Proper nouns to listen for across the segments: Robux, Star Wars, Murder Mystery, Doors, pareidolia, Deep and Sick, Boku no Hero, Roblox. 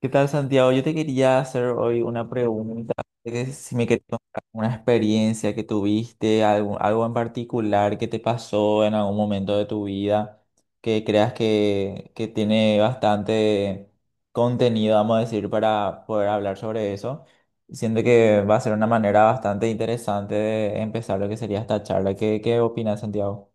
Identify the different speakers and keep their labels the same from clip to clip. Speaker 1: ¿Qué tal, Santiago? Yo te quería hacer hoy una pregunta, que si me querías contar una experiencia que tuviste, algo en particular que te pasó en algún momento de tu vida, que creas que tiene bastante contenido, vamos a decir, para poder hablar sobre eso. Siento que va a ser una manera bastante interesante de empezar lo que sería esta charla. ¿Qué opinas, Santiago?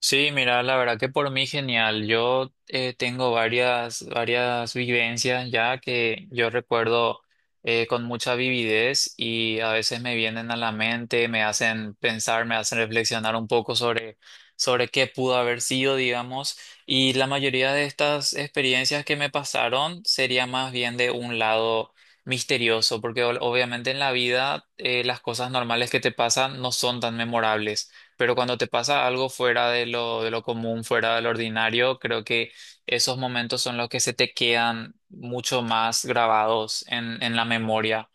Speaker 2: Sí, mira, la verdad que por mí genial. Yo tengo varias vivencias ya que yo recuerdo con mucha vividez y a veces me vienen a la mente, me hacen pensar, me hacen reflexionar un poco sobre qué pudo haber sido, digamos. Y la mayoría de estas experiencias que me pasaron sería más bien de un lado misterioso, porque obviamente en la vida las cosas normales que te pasan no son tan memorables. Pero cuando te pasa algo fuera de lo común, fuera de lo ordinario, creo que esos momentos son los que se te quedan mucho más grabados en la memoria.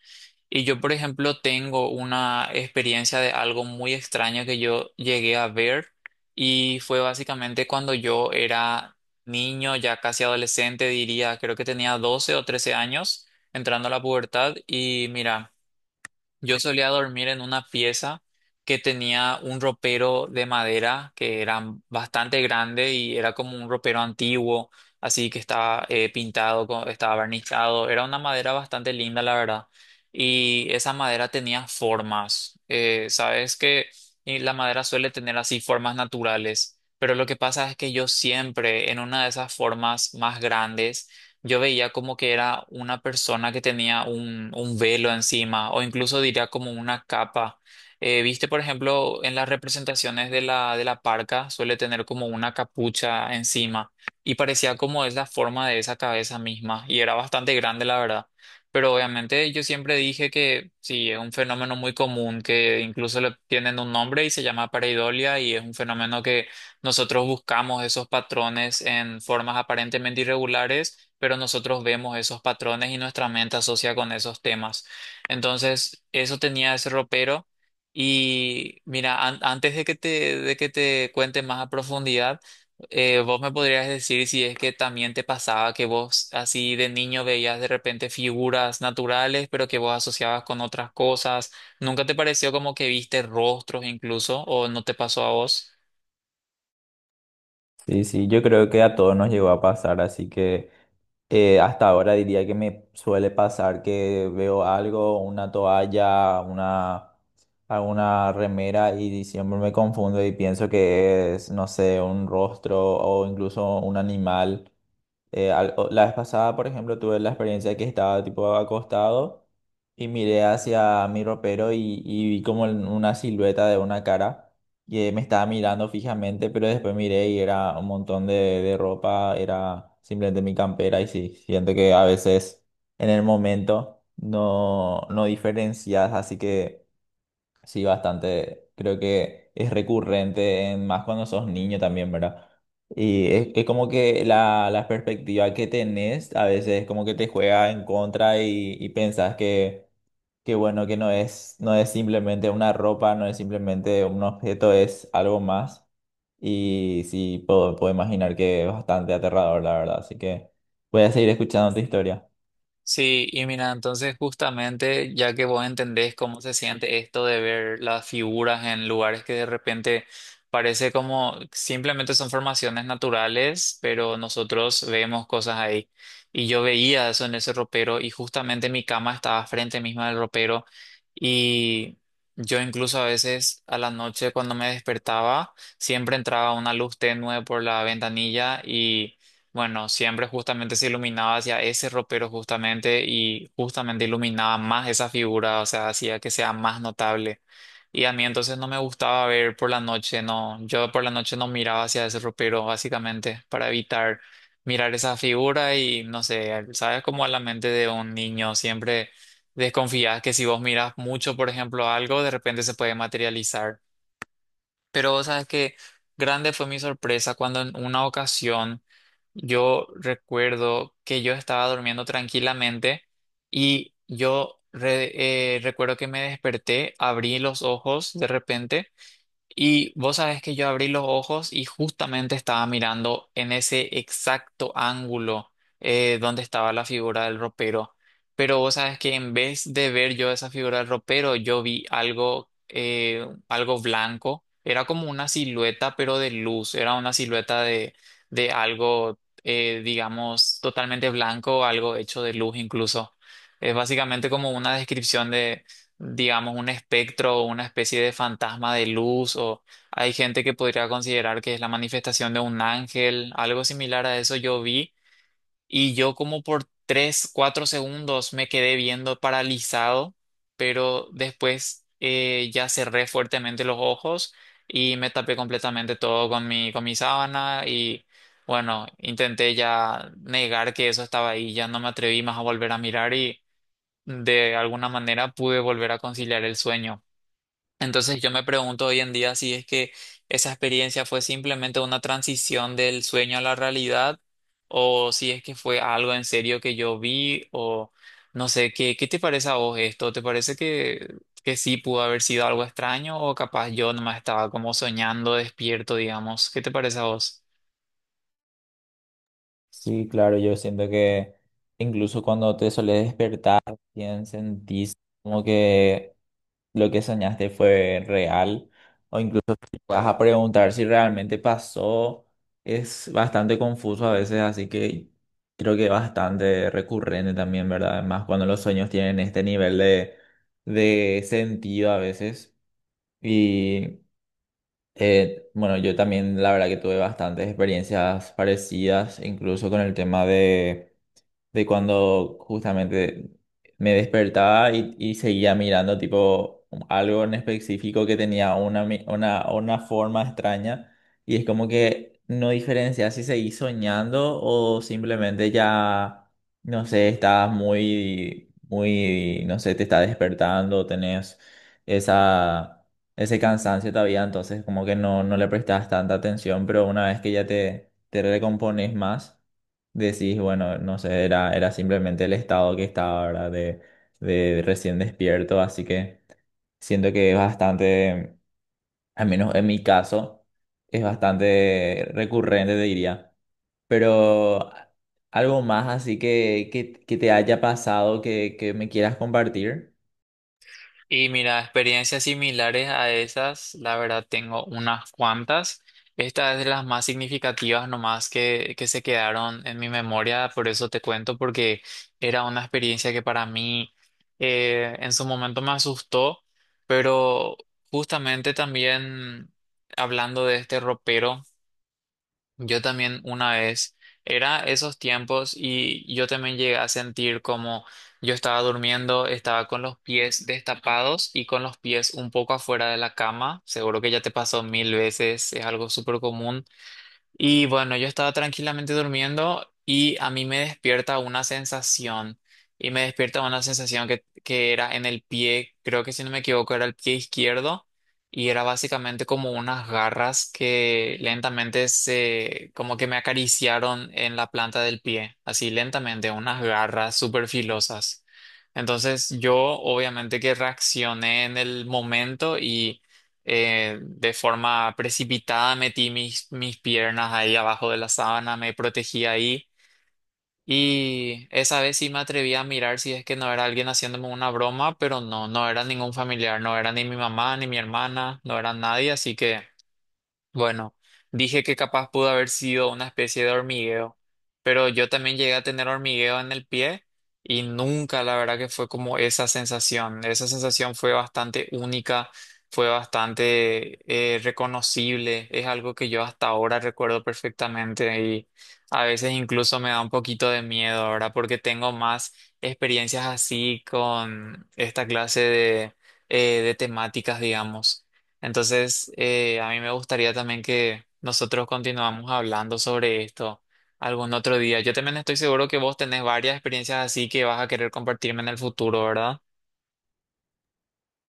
Speaker 2: Y yo, por ejemplo, tengo una experiencia de algo muy extraño que yo llegué a ver y fue básicamente cuando yo era niño, ya casi adolescente, diría, creo que tenía 12 o 13 años, entrando a la pubertad y mira. Yo solía dormir en una pieza que tenía un ropero de madera que era bastante grande y era como un ropero antiguo, así que estaba pintado, estaba barnizado. Era una madera bastante linda, la verdad. Y esa madera tenía formas. Sabes que y la madera suele tener así formas naturales, pero lo que pasa es que yo siempre en una de esas formas más grandes yo veía como que era una persona que tenía un velo encima o incluso diría como una capa. Viste, por ejemplo, en las representaciones de la parca suele tener como una capucha encima y parecía como es la forma de esa cabeza misma y era bastante grande, la verdad. Pero obviamente yo siempre dije que sí, es un fenómeno muy común que incluso le tienen un nombre y se llama pareidolia y es un fenómeno que nosotros buscamos esos patrones en formas aparentemente irregulares pero nosotros vemos esos patrones y nuestra mente asocia con esos temas. Entonces, eso tenía ese ropero. Y mira, antes de que te cuente más a profundidad, vos me podrías decir si es que también te pasaba que vos así de niño veías de repente figuras naturales, pero que vos asociabas con otras cosas. ¿Nunca te pareció como que viste rostros incluso o no te pasó a vos?
Speaker 1: Sí, sí, yo creo que a todos nos llegó a pasar, así que... Hasta ahora diría que me suele pasar que veo algo, una toalla, alguna remera y siempre me confundo y pienso que es, no sé, un rostro o incluso un animal. La vez pasada, por ejemplo, tuve la experiencia que estaba tipo acostado y miré hacia mi ropero y vi como en una silueta de una cara que me estaba mirando fijamente, pero después miré y era un montón de ropa, era simplemente mi campera y sí, siento que a veces en el momento no diferencias, así que... Sí, bastante. Creo que es recurrente, más cuando sos niño también, ¿verdad? Y es como que la perspectiva que tenés a veces como que te juega en contra y pensás que bueno, que no es, no es simplemente una ropa, no es simplemente un objeto, es algo más. Y sí, puedo imaginar que es bastante aterrador, la verdad. Así que voy a seguir escuchando tu historia.
Speaker 2: Sí, y mira, entonces justamente ya que vos entendés cómo se siente esto de ver las figuras en lugares que de repente parece como simplemente son formaciones naturales, pero nosotros vemos cosas ahí. Y yo veía eso en ese ropero y justamente mi cama estaba frente misma del ropero y yo incluso a veces a la noche cuando me despertaba siempre entraba una luz tenue por la ventanilla y bueno, siempre justamente se iluminaba hacia ese ropero justamente y justamente iluminaba más esa figura, o sea, hacía que sea más notable. Y a mí entonces no me gustaba ver por la noche, no, yo por la noche no miraba hacia ese ropero básicamente para evitar mirar esa figura y no sé, sabes como a la mente de un niño siempre desconfías que si vos miras mucho, por ejemplo, algo, de repente se puede materializar. Pero sabes que grande fue mi sorpresa cuando en una ocasión yo recuerdo que yo estaba durmiendo tranquilamente y yo recuerdo que me desperté, abrí los ojos de repente y vos sabés que yo abrí los ojos y justamente estaba mirando en ese exacto ángulo donde estaba la figura del ropero. Pero vos sabés que en vez de ver yo esa figura del ropero, yo vi algo, algo blanco. Era como una silueta, pero de luz. Era una silueta de algo, digamos, totalmente blanco, algo hecho de luz incluso. Es básicamente como una descripción digamos, un espectro o una especie de fantasma de luz, o hay gente que podría considerar que es la manifestación de un ángel, algo similar a eso yo vi, y yo como por 3, 4 segundos me quedé viendo paralizado, pero después ya cerré fuertemente los ojos y me tapé completamente todo con mi sábana y bueno, intenté ya negar que eso estaba ahí, ya no me atreví más a volver a mirar y de alguna manera pude volver a conciliar el sueño. Entonces yo me pregunto hoy en día si es que esa experiencia fue simplemente una transición del sueño a la realidad o si es que fue algo en serio que yo vi o no sé, qué te parece a vos esto? ¿Te parece que sí pudo haber sido algo extraño o capaz yo nomás estaba como soñando despierto, digamos? ¿Qué te parece a vos?
Speaker 1: Sí, claro, yo siento que incluso cuando te solés despertar, bien sentís como que lo que soñaste fue real. Vas a preguntar si realmente pasó. Es bastante confuso a veces, así que creo que es bastante recurrente también, ¿verdad? Además, cuando los sueños tienen este nivel de sentido a veces. Y bueno, yo también la verdad que tuve bastantes experiencias parecidas, incluso con el tema de cuando justamente me despertaba y seguía mirando tipo algo en específico que tenía una forma extraña y es como que no diferencia si seguís soñando o simplemente ya, no sé, estás muy, no sé, te está despertando, tenés esa... Ese cansancio todavía, entonces como que no, no le prestas tanta atención, pero una vez que ya te recompones más, decís, bueno, no sé, era simplemente el estado que estaba, ¿verdad? De recién despierto, así que siento que es bastante, al menos en mi caso, es bastante recurrente, te diría. Pero algo más así que te haya pasado que me quieras compartir.
Speaker 2: Y mira, experiencias similares a esas, la verdad tengo unas cuantas. Esta es de las más significativas nomás que se quedaron en mi memoria, por eso te cuento, porque era una experiencia que para mí en su momento me asustó, pero justamente también hablando de este ropero. Yo también una vez, era esos tiempos y yo también llegué a sentir como yo estaba durmiendo, estaba con los pies destapados y con los pies un poco afuera de la cama, seguro que ya te pasó mil veces, es algo súper común. Y bueno, yo estaba tranquilamente durmiendo y a mí me despierta una sensación. Y me despierta una sensación que era en el pie, creo que si no me equivoco, era el pie izquierdo. Y era básicamente como unas garras que lentamente se, como que me acariciaron en la planta del pie. Así lentamente, unas garras súper filosas. Entonces yo obviamente que reaccioné en el momento y de forma precipitada metí mis piernas ahí abajo de la sábana, me protegí ahí y esa vez sí me atreví a mirar si es que no era alguien haciéndome una broma, pero no, no era ningún familiar, no era ni mi mamá, ni mi hermana, no era nadie, así que bueno, dije que capaz pudo haber sido una especie de hormigueo, pero yo también llegué a tener hormigueo en el pie y nunca, la verdad que fue como esa sensación. Esa sensación fue bastante única, fue bastante reconocible, es algo que yo hasta ahora recuerdo perfectamente y a veces incluso me da un poquito de miedo ahora porque tengo más experiencias así con esta clase de temáticas, digamos. Entonces, a mí me gustaría también que nosotros continuamos hablando sobre esto algún otro día. Yo también estoy seguro que vos tenés varias experiencias así que vas a querer compartirme en el futuro, ¿verdad?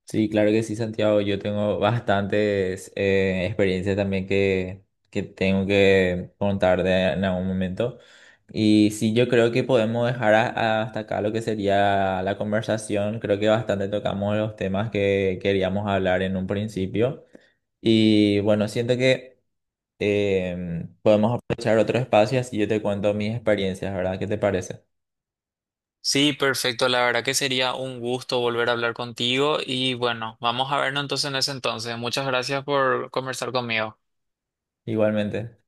Speaker 1: Sí, claro que sí, Santiago. Yo tengo bastantes experiencias también que tengo que contar en algún momento. Y sí, yo creo que podemos dejar hasta acá lo que sería la conversación. Creo que bastante tocamos los temas que queríamos hablar en un principio. Y bueno, siento que podemos aprovechar otro espacio y así yo te cuento mis experiencias, ¿verdad? ¿Qué te parece?
Speaker 2: Sí, perfecto. La verdad que sería un gusto volver a hablar contigo y bueno, vamos a vernos entonces en ese entonces. Muchas gracias por conversar conmigo.
Speaker 1: Igualmente.